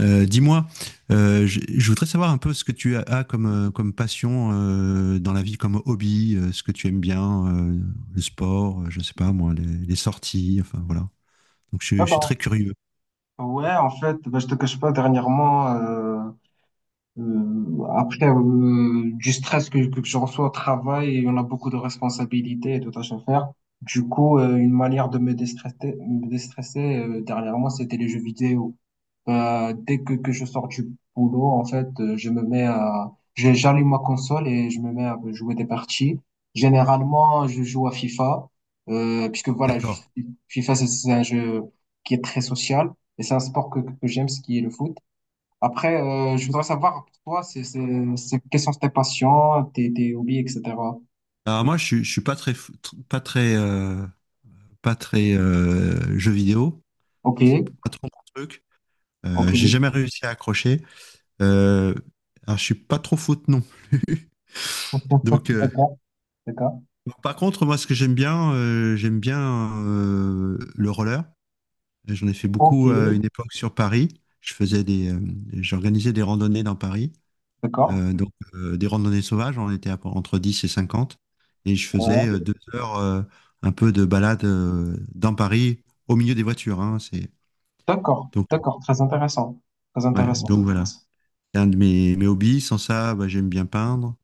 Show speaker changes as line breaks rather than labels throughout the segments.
Dis-moi, je voudrais savoir un peu ce que tu as comme, comme passion dans la vie, comme hobby, ce que tu aimes bien, le sport, je sais pas moi, les sorties, enfin voilà. Donc je,
Ah
je suis
bah,
très curieux.
ouais, en fait, bah, je te cache pas, dernièrement, après du stress que je reçois au travail, et on a beaucoup de responsabilités et de tâches à faire. Du coup, une manière de me déstresser dernièrement, c'était les jeux vidéo. Dès que je sors du boulot, en fait, je me mets j'allume ma console et je me mets à jouer des parties. Généralement, je joue à FIFA, puisque
D'accord.
FIFA, c'est un jeu qui est très social et c'est un sport que j'aime, ce qui est le foot. Après, je voudrais savoir, toi, quelles sont tes passions, tes hobbies, etc.
Alors moi, je suis pas très, pas très, pas très jeu vidéo.
Ok,
Ça c'est pas trop mon truc.
ok,
J'ai jamais réussi à accrocher. Euh, alors je suis pas trop foot non plus. Donc euh,
d'accord, d'accord,
Bon, par contre, moi, ce que j'aime bien le roller. J'en ai fait
ok,
beaucoup à une époque sur Paris. J'organisais des randonnées dans Paris.
d'accord,
Des randonnées sauvages, on était entre 10 et 50. Et je faisais
ouais,
2 heures un peu de balade dans Paris, au milieu des voitures, hein. c'est,
d'accord,
donc,
d'accord, très intéressant, très
ouais,
intéressant.
donc Voilà. C'est un de mes hobbies. Sans ça, bah, j'aime bien peindre.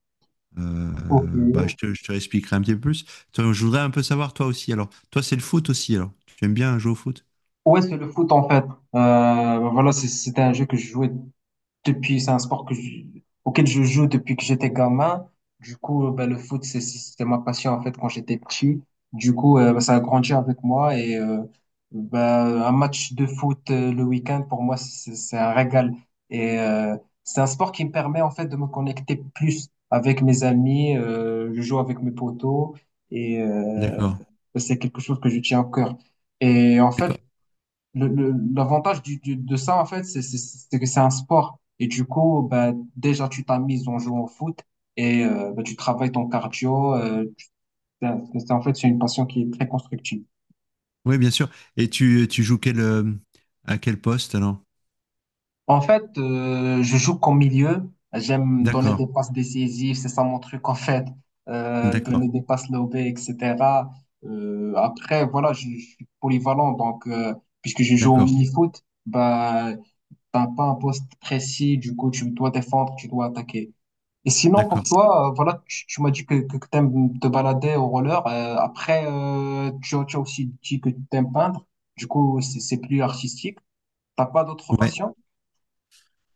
Euh,
Ok.
bah, je te, je te expliquerai un petit peu plus. Toi, je voudrais un peu savoir, toi aussi. Alors, toi, c'est le foot aussi, alors. Tu aimes bien jouer au foot?
Ouais, c'est le foot en fait. C'était un jeu que je jouais depuis, c'est un sport auquel je joue depuis que j'étais gamin. Du coup, ben, le foot, c'était ma passion en fait quand j'étais petit. Du coup, ben, ça a grandi avec moi et ben, un match de foot le week-end pour moi, c'est un régal. Et c'est un sport qui me permet en fait de me connecter plus avec mes amis. Je joue avec mes potos et
D'accord.
c'est quelque chose que je tiens au cœur. Et en fait,
D'accord.
l'avantage de ça, en fait, c'est que c'est un sport. Et du coup, bah, déjà, tu t'amuses en jouant au foot et bah, tu travailles ton cardio. En fait, c'est une passion qui est très constructive.
Oui, bien sûr. Et tu joues quel, à quel poste, alors?
En fait, je joue comme milieu. J'aime donner
D'accord.
des passes décisives. C'est ça mon truc, en fait.
D'accord.
Donner des passes lobées, etc. Après, je suis polyvalent. Donc, puisque je joue au
D'accord.
mini-foot, bah, t'as pas un poste précis. Du coup, tu dois défendre, tu dois attaquer. Et sinon, pour
D'accord.
toi, voilà, tu m'as dit tu aimes te balader au roller. Après, tu as aussi dit que tu aimes peindre. Du coup, c'est plus artistique. T'as pas d'autres
Ouais.
passions?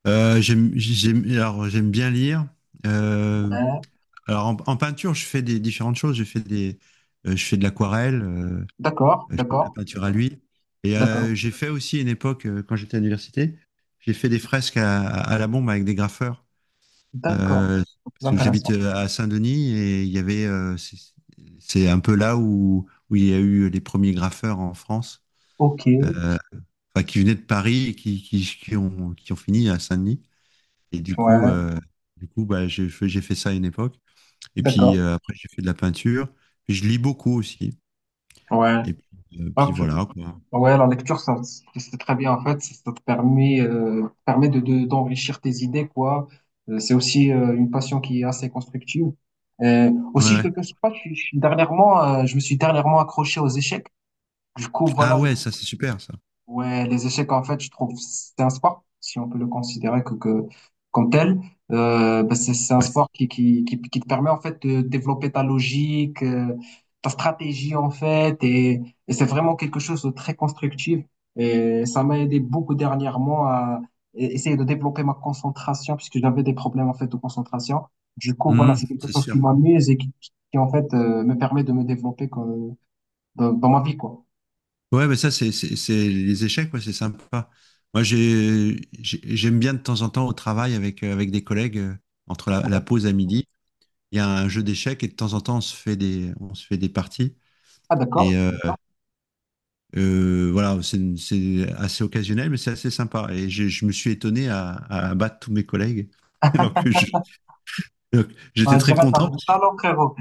J'aime bien lire. Euh,
Ouais.
En, en peinture, je fais des différentes choses. Je fais de l'aquarelle.
D'accord,
Je fais de la
d'accord,
peinture à l'huile.
d'accord,
J'ai fait aussi une époque, quand j'étais à l'université, j'ai fait des fresques à la bombe avec des graffeurs.
d'accord.
Euh,
C'est
Parce que j'habite
intéressant.
à Saint-Denis et il y avait, c'est un peu là où il y a eu les premiers graffeurs en France,
Ok,
euh, enfin, qui venaient de Paris et qui ont fini à Saint-Denis. Et du coup,
ouais,
euh, du coup, bah, j'ai fait ça à une époque. Et puis
d'accord,
après, j'ai fait de la peinture. Je lis beaucoup aussi.
ouais.
Et puis,
Hop.
voilà, quoi.
Ouais, la lecture, ça, c'est très bien en fait. Ça te permet d'enrichir tes idées, quoi. C'est aussi une passion qui est assez constructive.
Ouais,
Aussi, je
ouais.
te cache pas, je suis dernièrement, je me suis dernièrement accroché aux échecs. Du coup,
Ah
voilà.
ouais, ça c'est super ça.
Ouais, les échecs, en fait, je trouve, c'est un sport, si on peut le considérer que comme tel. Bah, c'est un
Ouais.
sport qui te permet, en fait, de développer ta logique, ta stratégie, en fait, et c'est vraiment quelque chose de très constructif. Et ça m'a aidé beaucoup dernièrement à essayer de développer ma concentration, puisque j'avais des problèmes, en fait, de concentration. Du coup, voilà,
Mhm,
c'est quelque
c'est
chose qui
sûr.
m'amuse et en fait, me permet de me développer comme, dans ma vie, quoi.
Ouais, mais c'est les échecs, ouais, c'est sympa. Moi j'aime bien de temps en temps au travail avec avec des collègues entre la
Voilà.
pause à midi, il y a un jeu d'échecs et de temps en temps on se fait des parties
Ah,
et
d'accord.
euh, euh, voilà, c'est assez occasionnel mais c'est assez sympa et je me suis étonné à battre tous mes collègues alors que je- alors que
Ah,
j'étais
je
très
dirais, t'as
content.
du talent, frérot.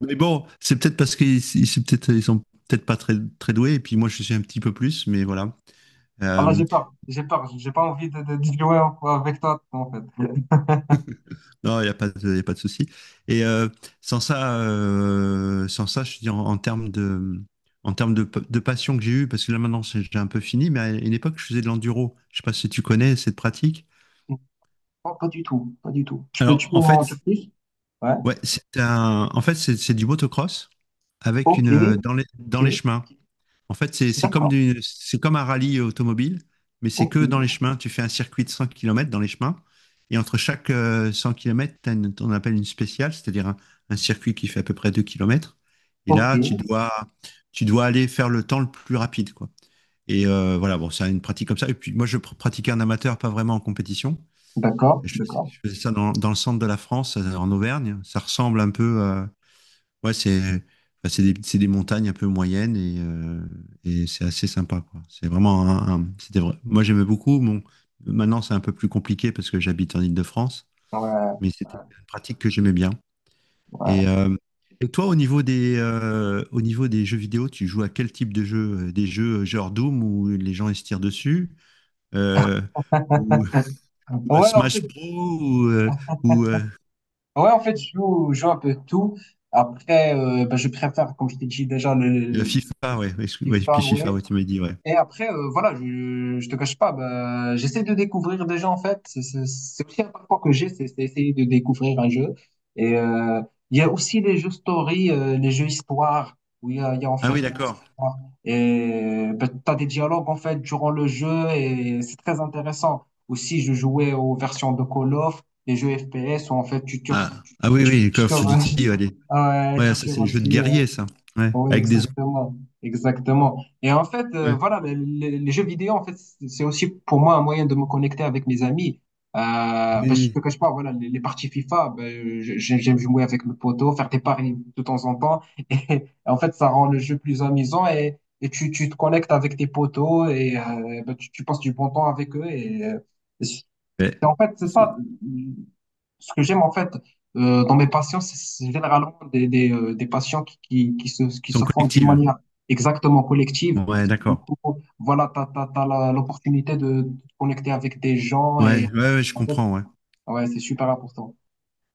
Mais bon, c'est peut-être parce qu'ils c'est peut-être, ils sont peut-être pas très, très doués, et puis moi je suis un petit peu plus, mais voilà.
Ah là,
Euh,
j'ai peur, j'ai pas envie de jouer avec toi, en fait.
non, il n'y a pas de, y a pas de souci. Et euh, Sans ça, sans ça, je dis en termes de, de passion que j'ai eue, parce que là maintenant j'ai un peu fini, mais à une époque je faisais de l'enduro. Je sais pas si tu connais cette pratique.
Non, pas du tout, pas du tout. Tu
Alors
peux
en
m'en dire
fait,
plus? Ouais.
ouais, c'est un, en fait c'est du motocross avec
Ok,
une
ok,
dans les chemins. En fait,
d'accord.
c'est comme un rallye automobile, mais c'est
Ok,
que dans les chemins. Tu fais un circuit de 100 km dans les chemins, et entre chaque 100 km, on appelle une spéciale, c'est-à-dire un circuit qui fait à peu près 2 km. Et
ok,
là, tu dois aller faire le temps le plus rapide, quoi. Voilà, bon, c'est une pratique comme ça. Et puis moi, pratiquais en amateur, pas vraiment en compétition.
d'accord, d'accord.
Je faisais ça dans le centre de la France, en Auvergne. Ça ressemble un peu, Ouais, c'est enfin, c'est des montagnes un peu moyennes et c'est assez sympa, quoi. C'est vraiment c'était vrai. Moi, j'aimais beaucoup. Bon, maintenant, c'est un peu plus compliqué parce que j'habite en Île-de-France,
Ouais,
mais c'était une pratique que j'aimais bien. Et,
ouais.
euh, et toi, au niveau des jeux vidéo, tu joues à quel type de jeu? Des jeux genre Doom où les gens ils se tirent dessus, euh, ou, ou à
Ouais, en
Smash
fait,
Bros, ou
ouais, en fait, je joue un peu tout. Après, bah, je préfère, comme je t'ai dit déjà,
FIFA, ouais.
le
Ouais, puis
FIFA,
FIFA,
ouais.
ouais, tu m'as dit, ouais.
Et après, je te cache pas, bah, j'essaie de découvrir des jeux en fait. C'est aussi un parcours que j'ai, c'est essayer de découvrir un jeu. Et il y a aussi les jeux story, les jeux histoire, où il y a en
Ah
fait
oui,
une
d'accord.
histoire. Et bah, t'as des dialogues en fait durant le jeu et c'est très intéressant. Aussi, je jouais aux versions de Call of, les jeux FPS où en fait tu tues,
Ah, ah oui,
tu,
oui,
tu,
Call
tues-
of Duty, allez.
ah ouais,
Ouais,
tu
ça,
tues
c'est les jeux de guerrier, ça. Ouais,
oui,
avec des autres.
exactement, exactement. Et en fait,
Ouais.
jeux vidéo, en fait, c'est aussi pour moi un moyen de me connecter avec mes amis.
Oui,
Parce que je te
oui.
cache pas, voilà, les parties FIFA, j'aime jouer avec mes potos, faire des paris de temps en temps. Et, en fait, ça rend le jeu plus amusant et tu te connectes avec tes potos et ben, tu passes du bon temps avec eux. Et, c'est-
Ouais.
en fait, c'est ça.
Ils
Ce que j'aime en fait dans mes patients, c'est généralement des patients qui
sont
se font d'une
collectives.
manière exactement collective.
Ouais,
Du
d'accord.
coup, voilà, t'as l'opportunité de te connecter avec des gens
Ouais,
et
ouais, ouais, je
en fait,
comprends, ouais.
ouais, c'est super important.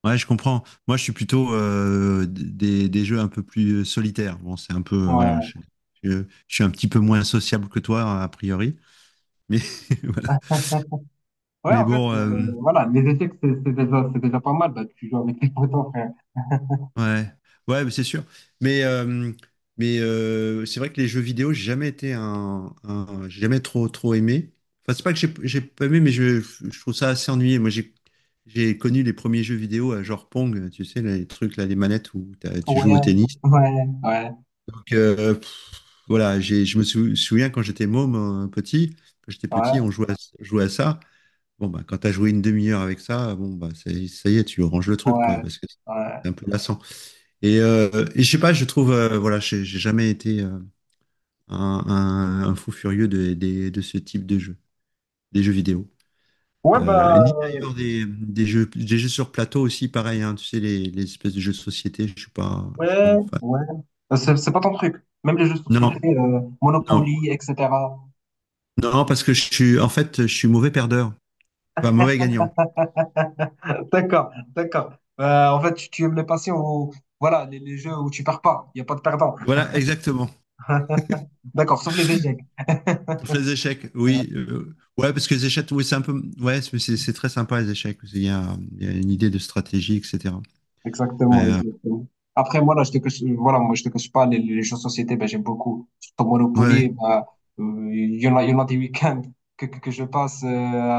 Ouais, je comprends. Moi, je suis plutôt des jeux un peu plus solitaires. Bon, c'est un peu. Voilà.
Ouais,
Je suis un petit peu moins sociable que toi, a priori. Mais, voilà.
ouais,
Mais
En fait,
bon.
voilà, les échecs, c'est déjà pas mal. Bah, tu joues avec tes potes, frère.
Ouais, ouais, mais c'est sûr. Mais, euh, mais c'est vrai que les jeux vidéo, j'ai jamais été j'ai jamais trop, trop aimé. Enfin, c'est pas que j'ai pas aimé, mais je trouve ça assez ennuyé. Moi, j'ai connu les premiers jeux vidéo à genre Pong, tu sais, les trucs là, les manettes où tu joues
Ouais,
au tennis.
ouais, ouais,
Donc, voilà, je me souviens quand j'étais môme, euh, petit, quand j'étais
ouais, ouais,
petit, on jouait à ça. Bon, bah, quand t'as joué une demi-heure avec ça, bon, bah, ça y est, tu ranges le truc, quoi,
ouais.
parce que c'est un peu lassant. Et, euh, et je sais pas, je trouve, voilà, j'ai jamais été un, un fou furieux de ce type de jeu, des jeux vidéo.
Ouais, bah.
Ni d'ailleurs des, des jeux sur plateau aussi, pareil, hein, tu sais, les espèces de jeux de société, je suis pas
Ouais,
un fan.
ouais. C'est pas ton truc. Même les jeux de
Non,
société,
non,
Monopoly, etc.
non, parce que je suis, en fait, je suis mauvais perdeur, enfin mauvais gagnant.
D'accord, d'accord. En fait, tu aimes les passions où, voilà, les jeux où tu perds pas. Il n'y a pas de perdant.
Voilà, exactement.
D'accord, sauf les échecs.
Sauf les échecs, oui. Ouais, parce que les échecs, oui, c'est un peu, ouais, c'est très sympa les échecs. Il y a une idée de stratégie, etc.
Exactement,
Mais, euh,
exactement. Après, moi, là, je te cache, voilà, moi, je te cache pas, les jeux de société, ben, j'aime beaucoup. Surtout
ouais, ouais,
Monopoly, ben, il y en a, il y en a des week-ends que je passe,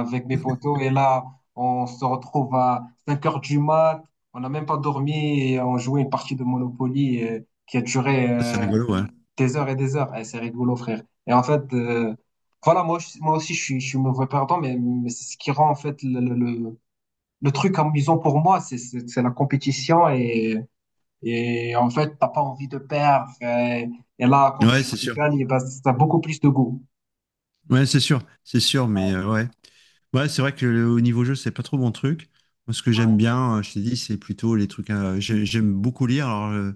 avec mes potos, et là, on se retrouve à 5 heures du mat, on n'a même pas dormi, et on jouait une partie de Monopoly, qui a duré,
c'est rigolo, ouais.
des heures et des heures. Eh, c'est rigolo, frère. Et en fait, moi aussi, je suis mauvais perdant, mais c'est ce qui rend, en fait, le truc amusant pour moi, c'est la compétition et en fait, t'as pas envie de perdre. Et là, quand
Ouais,
tu
c'est sûr.
gagnes, eh ben, ça a beaucoup plus de goût.
Ouais, c'est sûr. C'est sûr, mais ouais. Ouais, c'est vrai que au niveau jeu, c'est pas trop mon truc. Moi, ce que j'aime
Ouais,
bien, je t'ai dit, c'est plutôt les trucs. J'aime beaucoup lire. Alors, euh,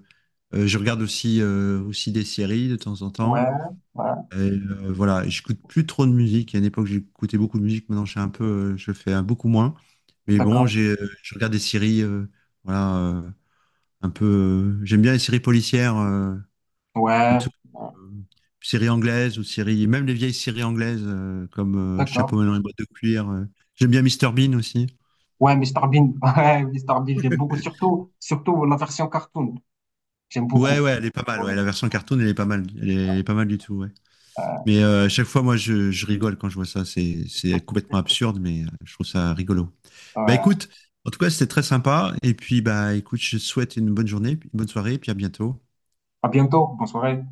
euh, Je regarde aussi, aussi des séries de temps en
ouais,
temps.
ouais,
Voilà, j'écoute plus trop de musique. À une époque, j'écoutais beaucoup de musique. Maintenant, je suis un peu, je fais un beaucoup moins. Mais bon,
d'accord.
je regarde des séries. Voilà, euh, un peu. J'aime bien les séries policières.
Ouais,
Plutôt
ouais,
euh, séries anglaises ou séries, même les vieilles séries anglaises comme
d'accord.
Chapeau melon et boîte de cuir. J'aime bien Mister Bean aussi.
Ouais, Mr Bean, ouais, Mr Bean, j'aime beaucoup, surtout, surtout la version cartoon. J'aime
Ouais,
beaucoup.
ouais, elle est pas mal. Ouais,
Ouais,
la version cartoon, elle est pas mal. Elle est pas mal du tout. Ouais.
euh,
Mais à chaque fois, moi, je rigole quand je vois ça. C'est complètement absurde, mais je trouve ça rigolo. Bah
ouais.
écoute, en tout cas, c'était très sympa. Et puis, bah écoute, je te souhaite une bonne journée, une bonne soirée, et puis à bientôt.
À bientôt, bonne soirée.